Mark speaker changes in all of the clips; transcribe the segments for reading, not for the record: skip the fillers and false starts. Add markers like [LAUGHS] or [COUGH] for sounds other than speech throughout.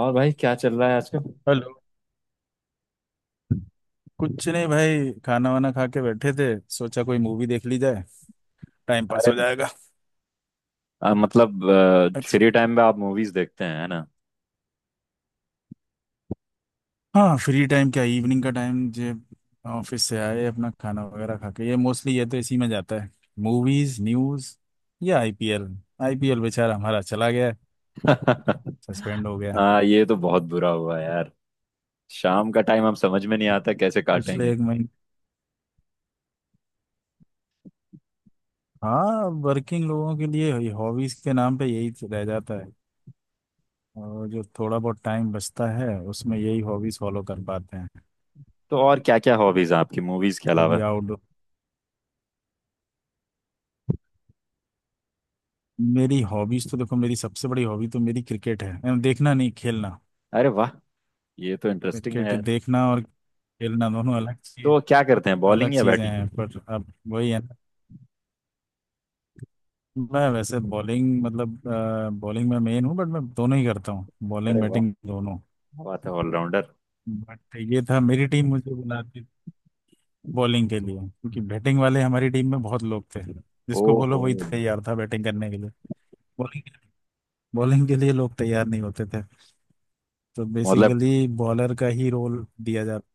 Speaker 1: और भाई क्या चल रहा है आजकल।
Speaker 2: हेलो। कुछ नहीं भाई, खाना वाना खा के बैठे थे। सोचा कोई मूवी देख ली जाए, टाइम पास
Speaker 1: अरे,
Speaker 2: हो जाएगा।
Speaker 1: मतलब
Speaker 2: एक्स-
Speaker 1: फ्री टाइम में आप मूवीज देखते हैं, है ना।
Speaker 2: हाँ, फ्री टाइम क्या, इवनिंग का टाइम जे ऑफिस से आए, अपना खाना वगैरह खा के ये मोस्टली ये तो इसी में जाता है। मूवीज, न्यूज या आईपीएल। आईपीएल बेचारा हमारा चला गया,
Speaker 1: [LAUGHS]
Speaker 2: सस्पेंड हो गया
Speaker 1: हाँ, ये तो बहुत बुरा हुआ यार। शाम का टाइम हम समझ में नहीं आता कैसे
Speaker 2: पिछले
Speaker 1: काटेंगे।
Speaker 2: एक महीने। हाँ, वर्किंग लोगों के लिए हॉबीज के नाम पे यही तो रह जाता है। और जो थोड़ा बहुत टाइम बचता है उसमें यही हॉबीज फॉलो कर पाते हैं।
Speaker 1: तो और क्या क्या हॉबीज हैं आपकी मूवीज के
Speaker 2: कभी।
Speaker 1: अलावा।
Speaker 2: मेरी हॉबीज तो देखो, मेरी सबसे बड़ी हॉबी तो मेरी क्रिकेट है, एंड देखना नहीं, खेलना।
Speaker 1: अरे वाह, ये तो इंटरेस्टिंग है
Speaker 2: क्रिकेट
Speaker 1: यार।
Speaker 2: देखना और खेलना दोनों अलग चीज,
Speaker 1: तो क्या करते हैं,
Speaker 2: अलग
Speaker 1: बॉलिंग या
Speaker 2: चीजें
Speaker 1: बैटिंग।
Speaker 2: हैं। पर अब वही है ना, मैं वैसे बॉलिंग मतलब बॉलिंग में मेन हूँ, बट मैं दोनों ही करता हूँ, बॉलिंग
Speaker 1: अरे वाह,
Speaker 2: बैटिंग दोनों।
Speaker 1: क्या बात है, ऑलराउंडर।
Speaker 2: बट ये था, मेरी टीम मुझे बुलाती बॉलिंग के लिए, क्योंकि बैटिंग वाले हमारी टीम में बहुत लोग थे, जिसको बोलो
Speaker 1: ओहो।
Speaker 2: वही तैयार था बैटिंग करने के लिए। बॉलिंग बॉलिंग के लिए लोग तैयार नहीं होते थे, तो
Speaker 1: मतलब
Speaker 2: बेसिकली बॉलर का ही रोल दिया जाता।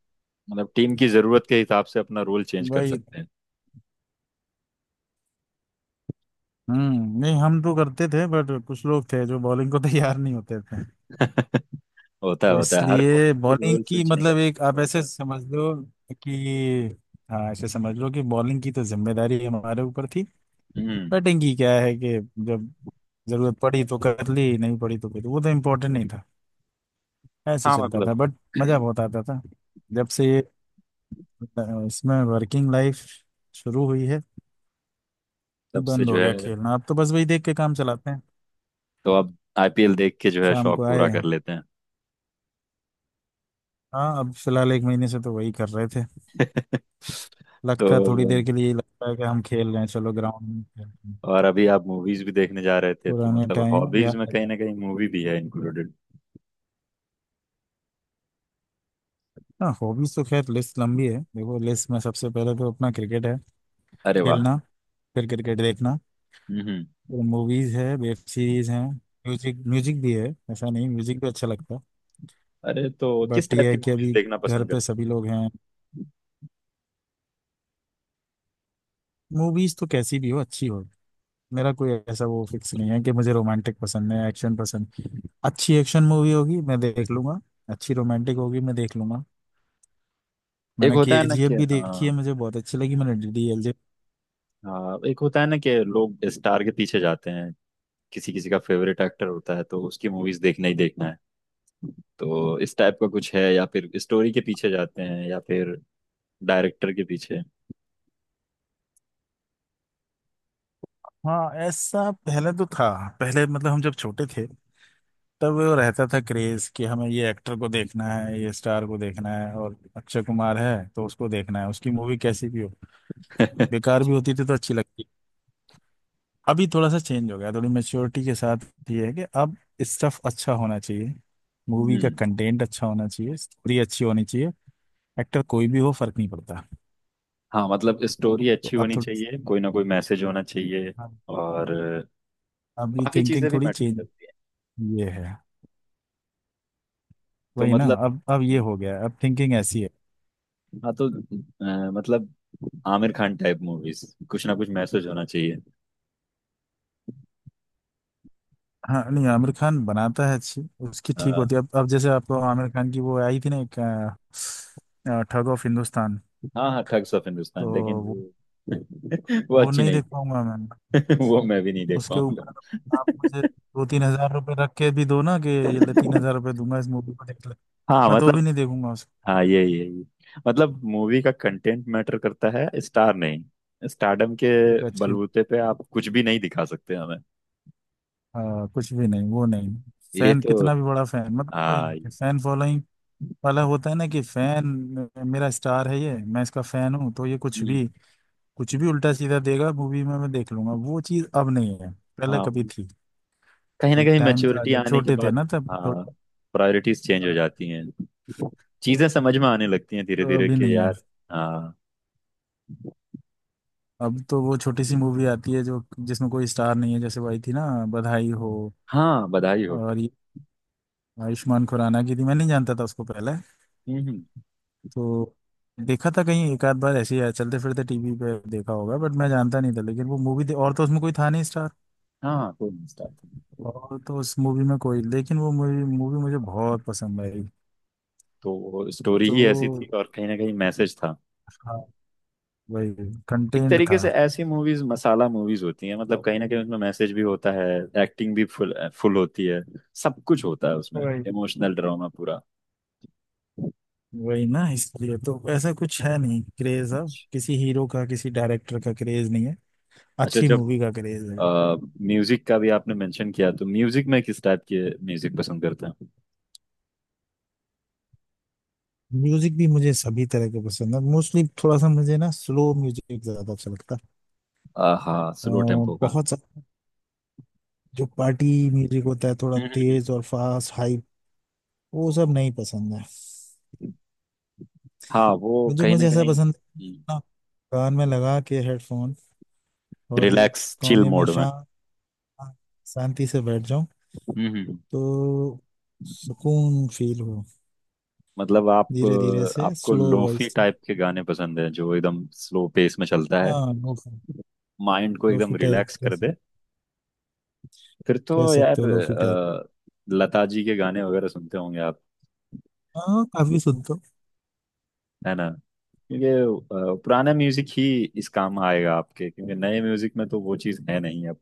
Speaker 1: मतलब टीम की जरूरत के हिसाब से अपना रोल चेंज कर
Speaker 2: वही।
Speaker 1: सकते हैं।
Speaker 2: हम्म, नहीं हम तो करते थे, बट कुछ लोग थे जो बॉलिंग को [LAUGHS] तैयार नहीं होते थे।
Speaker 1: [LAUGHS] होता है
Speaker 2: तो
Speaker 1: होता है, हर
Speaker 2: इसलिए
Speaker 1: कोई
Speaker 2: बॉलिंग
Speaker 1: रोल
Speaker 2: की
Speaker 1: स्विच नहीं कर
Speaker 2: मतलब,
Speaker 1: सकता।
Speaker 2: एक आप ऐसे समझ लो कि, हाँ, ऐसे समझ लो कि बॉलिंग की तो जिम्मेदारी हमारे ऊपर थी।
Speaker 1: हम्म।
Speaker 2: बैटिंग की क्या है कि जब जरूरत पड़ी तो कर ली, नहीं पड़ी तो कर ली, वो तो इम्पोर्टेंट नहीं था। ऐसे
Speaker 1: हाँ
Speaker 2: चलता था,
Speaker 1: मतलब।
Speaker 2: बट मजा बहुत आता था। जब से ये इसमें वर्किंग लाइफ शुरू हुई है,
Speaker 1: तब से
Speaker 2: बंद
Speaker 1: जो
Speaker 2: हो गया
Speaker 1: है।
Speaker 2: खेलना। अब तो बस वही देख के काम चलाते हैं।
Speaker 1: तो अब आईपीएल देख के जो है
Speaker 2: शाम
Speaker 1: शौक
Speaker 2: को
Speaker 1: पूरा
Speaker 2: आए।
Speaker 1: कर लेते हैं।
Speaker 2: हाँ, अब फिलहाल एक महीने से तो वही कर रहे थे।
Speaker 1: [LAUGHS] तो
Speaker 2: लगता है थोड़ी देर के लिए ही, लगता है कि हम खेल रहे हैं, चलो ग्राउंड में खेलते हैं,
Speaker 1: और अभी आप मूवीज भी देखने जा रहे थे, तो
Speaker 2: पुराने
Speaker 1: मतलब
Speaker 2: टाइम
Speaker 1: हॉबीज
Speaker 2: याद
Speaker 1: में
Speaker 2: आ जाते
Speaker 1: कहीं
Speaker 2: हैं।
Speaker 1: ना कहीं मूवी भी है इंक्लूडेड।
Speaker 2: हाँ, हॉबीज तो खैर लिस्ट लंबी है, देखो लिस्ट में सबसे पहले तो अपना क्रिकेट है,
Speaker 1: अरे वाह।
Speaker 2: खेलना। फिर क्रिकेट देखना,
Speaker 1: हम्म।
Speaker 2: फिर मूवीज है, वेब सीरीज है, म्यूजिक, म्यूजिक भी है। ऐसा नहीं, म्यूजिक भी अच्छा लगता है।
Speaker 1: अरे, तो किस
Speaker 2: बट
Speaker 1: टाइप
Speaker 2: ये
Speaker 1: की
Speaker 2: है कि
Speaker 1: मूवीज
Speaker 2: अभी
Speaker 1: देखना
Speaker 2: घर
Speaker 1: पसंद
Speaker 2: पे
Speaker 1: करते।
Speaker 2: सभी लोग हैं। मूवीज तो कैसी भी हो, अच्छी हो। मेरा कोई ऐसा वो फिक्स नहीं है कि मुझे रोमांटिक पसंद है, एक्शन पसंद। अच्छी एक्शन मूवी होगी मैं देख लूंगा, अच्छी रोमांटिक होगी मैं देख लूंगा।
Speaker 1: एक
Speaker 2: मैंने
Speaker 1: होता है ना
Speaker 2: केजीएफ
Speaker 1: कि,
Speaker 2: भी देखी है,
Speaker 1: हाँ
Speaker 2: मुझे बहुत अच्छी लगी। मैंने डीडीएलजे।
Speaker 1: हाँ, एक होता है ना कि लोग स्टार के पीछे जाते हैं। किसी किसी का फेवरेट एक्टर होता है तो उसकी मूवीज देखना ही देखना है। तो इस टाइप का कुछ है, या फिर स्टोरी के पीछे जाते हैं, या फिर डायरेक्टर के पीछे।
Speaker 2: हाँ, ऐसा पहले तो था। पहले मतलब हम जब छोटे थे, तब वो रहता था क्रेज कि हमें ये एक्टर को देखना है, ये स्टार को देखना है, और अक्षय कुमार है तो उसको देखना है, उसकी मूवी कैसी भी हो,
Speaker 1: [LAUGHS]
Speaker 2: बेकार भी होती थी तो अच्छी लगती। अभी थोड़ा सा चेंज हो गया, थोड़ी मेच्योरिटी के साथ ये है कि अब स्टफ अच्छा होना चाहिए, मूवी का
Speaker 1: हम्म।
Speaker 2: कंटेंट अच्छा होना चाहिए, स्टोरी अच्छी होनी चाहिए। एक्टर कोई भी हो, फर्क नहीं पड़ता।
Speaker 1: हाँ मतलब स्टोरी
Speaker 2: तो
Speaker 1: अच्छी
Speaker 2: अब
Speaker 1: होनी
Speaker 2: थोड़ी,
Speaker 1: चाहिए, कोई ना कोई मैसेज होना चाहिए।
Speaker 2: अब
Speaker 1: और
Speaker 2: अब ये
Speaker 1: बाकी चीजें
Speaker 2: थिंकिंग
Speaker 1: भी
Speaker 2: थोड़ी
Speaker 1: मैटर
Speaker 2: चेंज,
Speaker 1: करती हैं।
Speaker 2: ये है।
Speaker 1: तो
Speaker 2: वही ना,
Speaker 1: मतलब,
Speaker 2: अब ये हो गया है, अब थिंकिंग ऐसी है।
Speaker 1: हाँ तो, मतलब आमिर खान टाइप मूवीज, कुछ ना कुछ मैसेज होना चाहिए।
Speaker 2: हाँ नहीं, आमिर खान बनाता है अच्छी, उसकी ठीक
Speaker 1: अ,
Speaker 2: होती है। अब जैसे आपको आमिर खान की वो आई थी ना एक, ठग ऑफ हिंदुस्तान।
Speaker 1: हाँ हाँ, ठग्स ऑफ
Speaker 2: तो
Speaker 1: हिंदुस्तान, लेकिन
Speaker 2: वो
Speaker 1: वो, [LAUGHS] वो
Speaker 2: वो
Speaker 1: अच्छी
Speaker 2: नहीं
Speaker 1: नहीं
Speaker 2: देख पाऊंगा मैं।
Speaker 1: थी। [LAUGHS] वो मैं भी नहीं देख
Speaker 2: उसके
Speaker 1: पाऊंगा।
Speaker 2: ऊपर आप मुझे दो तीन हजार रुपये रख के भी दो ना कि ये ले, तीन हजार
Speaker 1: [LAUGHS]
Speaker 2: रुपये दूंगा इस मूवी को देख ले,
Speaker 1: हाँ
Speaker 2: मैं तो भी
Speaker 1: मतलब,
Speaker 2: नहीं देखूंगा उसको।
Speaker 1: हाँ ये, मतलब मूवी का कंटेंट मैटर करता है, स्टार नहीं। स्टारडम के
Speaker 2: एक अच्छी।
Speaker 1: बलबूते पे आप कुछ भी नहीं दिखा सकते।
Speaker 2: कुछ भी नहीं, वो नहीं।
Speaker 1: ये
Speaker 2: फैन
Speaker 1: तो,
Speaker 2: कितना भी बड़ा फैन, मतलब वही
Speaker 1: हाँ
Speaker 2: फैन फॉलोइंग वाला होता है ना, कि फैन, मेरा स्टार है ये, मैं इसका फैन हूँ, तो ये कुछ
Speaker 1: ये-,
Speaker 2: भी कुछ भी उल्टा सीधा देगा मूवी में, मैं देख लूंगा, वो चीज अब नहीं है। पहले
Speaker 1: हाँ
Speaker 2: कभी थी,
Speaker 1: कहीं ना
Speaker 2: एक
Speaker 1: कहीं
Speaker 2: टाइम था
Speaker 1: मैच्योरिटी
Speaker 2: जब
Speaker 1: आने के
Speaker 2: छोटे थे
Speaker 1: बाद,
Speaker 2: ना, तब
Speaker 1: हाँ,
Speaker 2: थोड़ी।
Speaker 1: प्रायोरिटीज चेंज हो
Speaker 2: हाँ,
Speaker 1: जाती हैं। चीजें समझ में आने लगती हैं धीरे
Speaker 2: तो
Speaker 1: धीरे
Speaker 2: अभी
Speaker 1: कि
Speaker 2: नहीं है।
Speaker 1: यार, हाँ।
Speaker 2: अब तो वो छोटी सी मूवी आती है जो जिसमें कोई स्टार नहीं है, जैसे वही थी ना, बधाई हो।
Speaker 1: हाँ, बधाई हो।
Speaker 2: और ये आयुष्मान खुराना की थी, मैं नहीं जानता था उसको पहले।
Speaker 1: हम्म।
Speaker 2: तो देखा था कहीं एक आध बार ऐसे ही चलते फिरते टीवी पे देखा होगा, बट मैं जानता नहीं था, लेकिन वो मूवी, और तो उसमें कोई था नहीं,
Speaker 1: हाँ, कोई नहीं स्टार्ट।
Speaker 2: और तो उस मूवी में कोई, लेकिन वो मूवी, मूवी मुझे बहुत पसंद आई।
Speaker 1: तो स्टोरी
Speaker 2: तो
Speaker 1: ही ऐसी थी और कहीं ना कहीं मैसेज था।
Speaker 2: हाँ, वही
Speaker 1: एक
Speaker 2: कंटेंट
Speaker 1: तरीके
Speaker 2: था।
Speaker 1: से ऐसी मूवीज मसाला मूवीज होती हैं, मतलब कहीं ना कहीं उसमें मैसेज भी होता है, एक्टिंग भी फुल फुल होती है, सब कुछ होता है उसमें,
Speaker 2: वही
Speaker 1: इमोशनल ड्रामा पूरा।
Speaker 2: वही ना, इसलिए तो ऐसा कुछ है नहीं, क्रेज अब
Speaker 1: अच्छा।
Speaker 2: किसी हीरो का, किसी डायरेक्टर का क्रेज नहीं है,
Speaker 1: अच्छा,
Speaker 2: अच्छी
Speaker 1: जब
Speaker 2: मूवी का क्रेज है।
Speaker 1: म्यूजिक का भी आपने मेंशन किया, तो म्यूजिक में किस टाइप के म्यूजिक पसंद करते हैं।
Speaker 2: म्यूजिक भी मुझे सभी तरह के पसंद है, मोस्टली थोड़ा सा मुझे ना स्लो म्यूजिक ज्यादा अच्छा लगता है।
Speaker 1: हाँ,
Speaker 2: अ,
Speaker 1: स्लो टेम्पो का।
Speaker 2: बहुत सा जो पार्टी म्यूजिक होता है, थोड़ा
Speaker 1: हम्म।
Speaker 2: तेज और फास्ट हाई, वो सब नहीं पसंद है।
Speaker 1: हाँ वो
Speaker 2: म्यूजिक
Speaker 1: कहीं ना
Speaker 2: मुझे ऐसा
Speaker 1: कहीं,
Speaker 2: पसंद है
Speaker 1: हम्म।
Speaker 2: ना, कान में लगा के हेडफोन और एक
Speaker 1: रिलैक्स चिल
Speaker 2: कोने में
Speaker 1: मोड में।
Speaker 2: शांत, शांति से बैठ जाऊं,
Speaker 1: हम्म।
Speaker 2: तो सुकून फील हो।
Speaker 1: मतलब आप
Speaker 2: धीरे धीरे से
Speaker 1: आपको
Speaker 2: स्लो वॉइस,
Speaker 1: लोफी टाइप के गाने पसंद है जो एकदम स्लो पेस में चलता है,
Speaker 2: हाँ लोफी,
Speaker 1: माइंड को एकदम
Speaker 2: लोफी टाइप
Speaker 1: रिलैक्स कर दे। फिर तो
Speaker 2: कह सकते
Speaker 1: यार,
Speaker 2: हो लोफी टाइप।
Speaker 1: लता जी के गाने वगैरह सुनते होंगे आप,
Speaker 2: हाँ, काफी सुनते हो।
Speaker 1: है ना। ये पुराना म्यूजिक ही इस काम आएगा आपके, क्योंकि नए म्यूजिक में तो वो चीज़ है नहीं अब।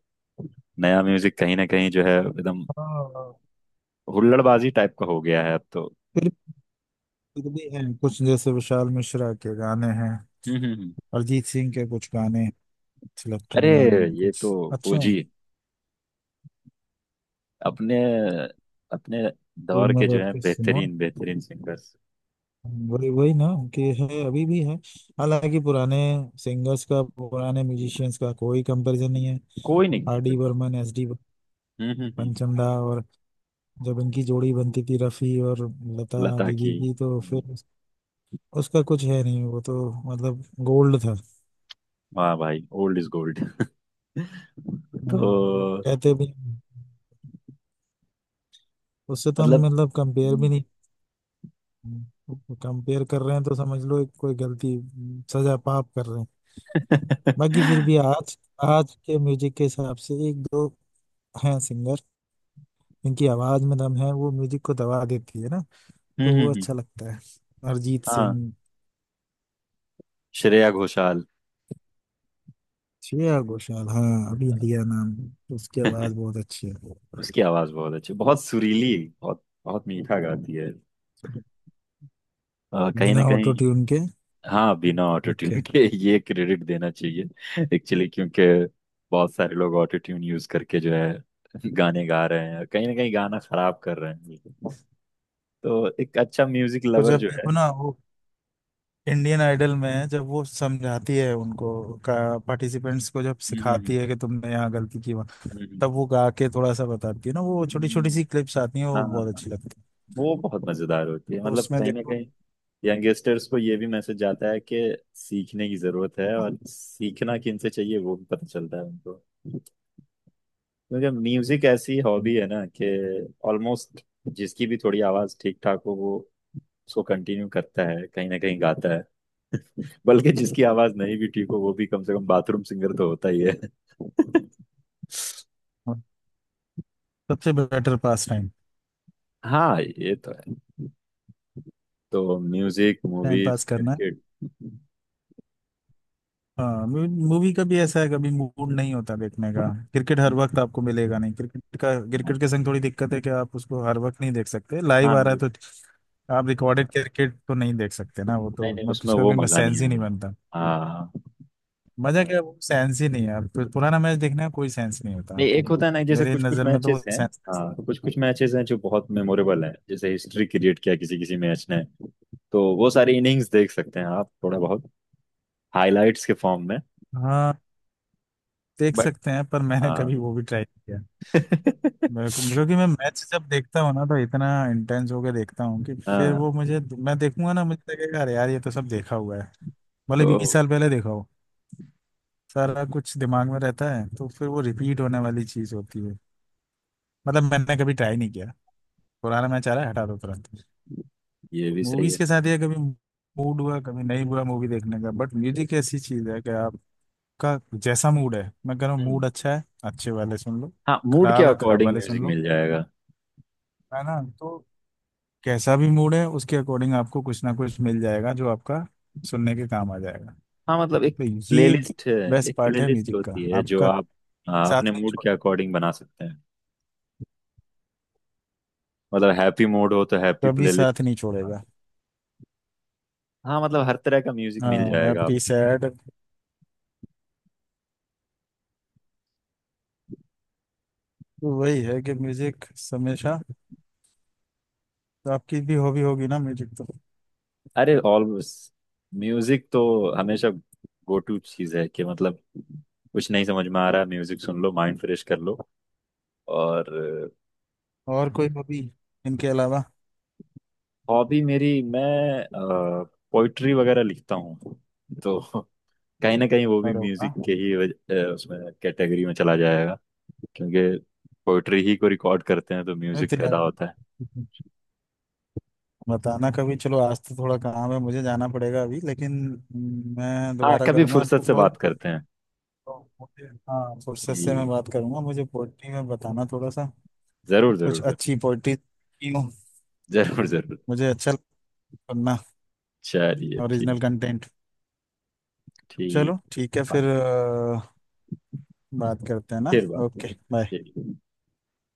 Speaker 1: नया म्यूजिक कहीं ना कहीं जो है एकदम
Speaker 2: हाँ
Speaker 1: हुल्लड़बाजी टाइप का हो गया है अब तो।
Speaker 2: फिर फिर भी है कुछ, जैसे विशाल मिश्रा के गाने हैं,
Speaker 1: हम्म हम्म हम्म।
Speaker 2: अरिजीत सिंह के कुछ गाने, सिलेक्टेड
Speaker 1: अरे,
Speaker 2: गाने हैं
Speaker 1: ये
Speaker 2: कुछ
Speaker 1: तो
Speaker 2: अच्छे हैं,
Speaker 1: ओजी, अपने अपने
Speaker 2: तो
Speaker 1: दौर के
Speaker 2: उनमें
Speaker 1: जो
Speaker 2: बैठ
Speaker 1: है
Speaker 2: के सुनो।
Speaker 1: बेहतरीन बेहतरीन सिंगर्स।
Speaker 2: वही वही ना, कि है, अभी भी है, हालांकि पुराने सिंगर्स का, पुराने म्यूजिशियंस का कोई कंपैरिजन नहीं है।
Speaker 1: कोई नहीं।
Speaker 2: R D Burman, S D
Speaker 1: हम्म हम्म हम्म।
Speaker 2: पंचमदा, और जब इनकी जोड़ी बनती थी रफी और लता
Speaker 1: लता
Speaker 2: दीदी
Speaker 1: की।
Speaker 2: की, तो
Speaker 1: हम्म।
Speaker 2: फिर उसका कुछ है नहीं, वो तो मतलब गोल्ड था।
Speaker 1: वाह भाई, ओल्ड इज गोल्ड। [LAUGHS] तो
Speaker 2: हाँ, लोग कहते भी हैं। उससे तो हम
Speaker 1: मतलब,
Speaker 2: मतलब कंपेयर भी
Speaker 1: हम्म।
Speaker 2: नहीं, कंपेयर कर रहे हैं तो समझ लो एक कोई गलती, सजा पाप कर रहे हैं।
Speaker 1: [LAUGHS]
Speaker 2: बाकी फिर
Speaker 1: हम्म
Speaker 2: भी आज, आज के म्यूजिक के हिसाब से एक दो हैं सिंगर, इनकी आवाज में दम है, वो म्यूजिक को दबा देती है ना, तो
Speaker 1: हम्म,
Speaker 2: वो
Speaker 1: हम्म।
Speaker 2: अच्छा लगता है। अरिजीत सिंह,
Speaker 1: हाँ, श्रेया घोषाल।
Speaker 2: श्रेया घोषाल। हाँ, अभी लिया नाम, उसकी आवाज
Speaker 1: [LAUGHS]
Speaker 2: बहुत अच्छी है,
Speaker 1: उसकी आवाज बहुत अच्छी, बहुत सुरीली, बहुत बहुत मीठा गाती है। कहीं ना
Speaker 2: बिना ऑटो
Speaker 1: कहीं,
Speaker 2: ट्यून के
Speaker 1: हाँ, बिना ऑटो ट्यून
Speaker 2: लिखे।
Speaker 1: के, ये क्रेडिट देना चाहिए एक्चुअली। क्योंकि बहुत सारे लोग ऑटो ट्यून यूज करके जो है गाने गा रहे हैं, कहीं ना कहीं गाना खराब कर रहे हैं बिल्कुल। तो एक अच्छा म्यूजिक
Speaker 2: तो
Speaker 1: लवर
Speaker 2: जब
Speaker 1: जो है।
Speaker 2: देखो ना वो इंडियन आइडल में, जब वो समझाती है उनको का पार्टिसिपेंट्स को, जब
Speaker 1: हम्म हम्म
Speaker 2: सिखाती है कि तुमने यहाँ गलती की वहाँ,
Speaker 1: हम्म,
Speaker 2: तब वो गा के थोड़ा सा बताती है ना, वो छोटी छोटी
Speaker 1: हम्म।
Speaker 2: सी क्लिप्स आती हैं,
Speaker 1: हाँ
Speaker 2: वो बहुत
Speaker 1: हाँ,
Speaker 2: अच्छी लगती है।
Speaker 1: वो बहुत मजेदार होती है,
Speaker 2: तो
Speaker 1: मतलब
Speaker 2: उसमें
Speaker 1: कहीं ना
Speaker 2: देखो,
Speaker 1: कहीं यंगस्टर्स को ये भी मैसेज जाता है कि सीखने की जरूरत है, और सीखना किन से चाहिए वो भी पता चलता है उनको। क्योंकि म्यूजिक ऐसी हॉबी है ना कि ऑलमोस्ट जिसकी भी थोड़ी आवाज ठीक ठाक हो वो उसको कंटिन्यू करता है, कहीं ना कहीं गाता है। बल्कि जिसकी आवाज नहीं भी ठीक हो वो भी कम से कम बाथरूम सिंगर तो होता ही है। [LAUGHS]
Speaker 2: सबसे बेटर पास टाइम,
Speaker 1: हाँ ये तो है। तो म्यूजिक,
Speaker 2: टाइम
Speaker 1: मूवीज,
Speaker 2: पास करना।
Speaker 1: क्रिकेट।
Speaker 2: हाँ, मूवी का भी ऐसा है, कभी मूड नहीं होता देखने का। क्रिकेट हर वक्त आपको मिलेगा नहीं, क्रिकेट का,
Speaker 1: हाँ,
Speaker 2: क्रिकेट के संग थोड़ी दिक्कत है कि आप उसको हर वक्त नहीं देख सकते,
Speaker 1: हाँ,
Speaker 2: लाइव आ रहा
Speaker 1: ये,
Speaker 2: है तो, आप रिकॉर्डेड क्रिकेट तो नहीं देख सकते ना, वो
Speaker 1: नहीं
Speaker 2: तो
Speaker 1: नहीं,
Speaker 2: मतलब
Speaker 1: उसमें
Speaker 2: उसका
Speaker 1: वो
Speaker 2: भी
Speaker 1: मजा नहीं
Speaker 2: सेंस ही
Speaker 1: है।
Speaker 2: नहीं बनता।
Speaker 1: हाँ,
Speaker 2: मजा क्या है, वो सेंस ही नहीं है, आप तो पुराना मैच देखने का कोई सेंस नहीं होता,
Speaker 1: नहीं
Speaker 2: तो
Speaker 1: एक होता है ना, जैसे
Speaker 2: मेरे
Speaker 1: कुछ कुछ
Speaker 2: नजर में तो
Speaker 1: मैचेस
Speaker 2: वो
Speaker 1: हैं।
Speaker 2: सेंस।
Speaker 1: हाँ, तो कुछ कुछ मैचेस हैं जो बहुत मेमोरेबल है, जैसे हिस्ट्री क्रिएट किया किसी किसी मैच ने। तो वो सारी इनिंग्स देख सकते हैं आप थोड़ा बहुत, हाइलाइट्स के फॉर्म में।
Speaker 2: हाँ देख
Speaker 1: बट,
Speaker 2: सकते हैं, पर मैंने
Speaker 1: हाँ।
Speaker 2: कभी वो भी ट्राई किया, बिल्कुल,
Speaker 1: [LAUGHS]
Speaker 2: क्योंकि मैं मैच जब देखता हूँ ना, तो इतना इंटेंस होके देखता हूँ कि फिर
Speaker 1: हाँ।
Speaker 2: वो मुझे, मैं देखूंगा ना मुझे लगेगा अरे यार ये तो सब देखा हुआ है, भले
Speaker 1: ओ।
Speaker 2: 20 साल पहले देखा हो, सारा कुछ दिमाग में रहता है, तो फिर वो रिपीट होने वाली चीज होती है, मतलब मैंने कभी ट्राई नहीं किया। पुराना मैच आ रहा है, हटा दो तुरंत।
Speaker 1: ये भी सही
Speaker 2: मूवीज
Speaker 1: है।
Speaker 2: के साथ ये कभी मूड हुआ, कभी नहीं हुआ मूवी देखने का, बट म्यूजिक ऐसी चीज है कि आपका जैसा मूड है, मैं कह रहा हूँ
Speaker 1: हम्म।
Speaker 2: मूड अच्छा है, अच्छे वाले सुन लो,
Speaker 1: हाँ, मूड के
Speaker 2: खराब है, खराब
Speaker 1: अकॉर्डिंग
Speaker 2: वाले सुन
Speaker 1: म्यूजिक
Speaker 2: लो,
Speaker 1: मिल जाएगा।
Speaker 2: है ना। तो कैसा भी मूड है, उसके अकॉर्डिंग आपको कुछ ना कुछ मिल जाएगा जो आपका सुनने के काम आ जाएगा।
Speaker 1: हाँ, मतलब एक
Speaker 2: तो ये
Speaker 1: प्लेलिस्ट है।
Speaker 2: बेस्ट
Speaker 1: एक
Speaker 2: पार्ट है
Speaker 1: प्लेलिस्ट
Speaker 2: म्यूजिक का,
Speaker 1: होती है जो
Speaker 2: आपका
Speaker 1: आप, हाँ,
Speaker 2: साथ
Speaker 1: अपने
Speaker 2: नहीं
Speaker 1: मूड के
Speaker 2: छोड़ेगा,
Speaker 1: अकॉर्डिंग बना सकते हैं। मतलब हैप्पी मूड हो तो हैप्पी
Speaker 2: कभी साथ
Speaker 1: प्लेलिस्ट।
Speaker 2: नहीं छोड़ेगा।
Speaker 1: हाँ, मतलब हर तरह का म्यूजिक मिल
Speaker 2: हाँ
Speaker 1: जाएगा
Speaker 2: हैप्पी
Speaker 1: आपको।
Speaker 2: सैड, तो वही है कि म्यूजिक हमेशा। तो आपकी भी हॉबी होगी ना म्यूजिक? तो
Speaker 1: अरे ऑलवेज, म्यूजिक तो हमेशा गो टू चीज है कि, मतलब कुछ नहीं समझ में आ रहा, म्यूजिक सुन लो, माइंड फ्रेश कर लो। और
Speaker 2: और कोई हॉबी इनके अलावा
Speaker 1: हॉबी मेरी, मैं पोइट्री वगैरह लिखता हूँ। तो कहीं ना कहीं वो भी
Speaker 2: और
Speaker 1: म्यूजिक
Speaker 2: होगा?
Speaker 1: के ही उसमें कैटेगरी में चला जाएगा। क्योंकि पोइट्री ही को रिकॉर्ड करते हैं तो
Speaker 2: नहीं
Speaker 1: म्यूजिक
Speaker 2: तो यार
Speaker 1: पैदा होता है।
Speaker 2: बताना कभी। चलो आज तो थोड़ा काम है मुझे, जाना पड़ेगा अभी, लेकिन मैं
Speaker 1: हाँ,
Speaker 2: दोबारा
Speaker 1: कभी
Speaker 2: करूंगा
Speaker 1: फुर्सत
Speaker 2: आपको
Speaker 1: से
Speaker 2: कॉल।
Speaker 1: बात करते हैं
Speaker 2: हाँ फुर्सत से मैं
Speaker 1: कि,
Speaker 2: बात करूंगा, मुझे पोइट्री में बताना थोड़ा सा,
Speaker 1: जरूर
Speaker 2: कुछ
Speaker 1: जरूर जरूर।
Speaker 2: अच्छी पोइट्री, क्यों,
Speaker 1: जरूर जरूर।
Speaker 2: मुझे अच्छा लगता है पढ़ना,
Speaker 1: चलिए
Speaker 2: ओरिजिनल
Speaker 1: ठीक।
Speaker 2: कंटेंट।
Speaker 1: ठीक।
Speaker 2: चलो ठीक है फिर,
Speaker 1: बात,
Speaker 2: बात करते हैं ना।
Speaker 1: फिर बात।
Speaker 2: Okay bye.
Speaker 1: ठीक।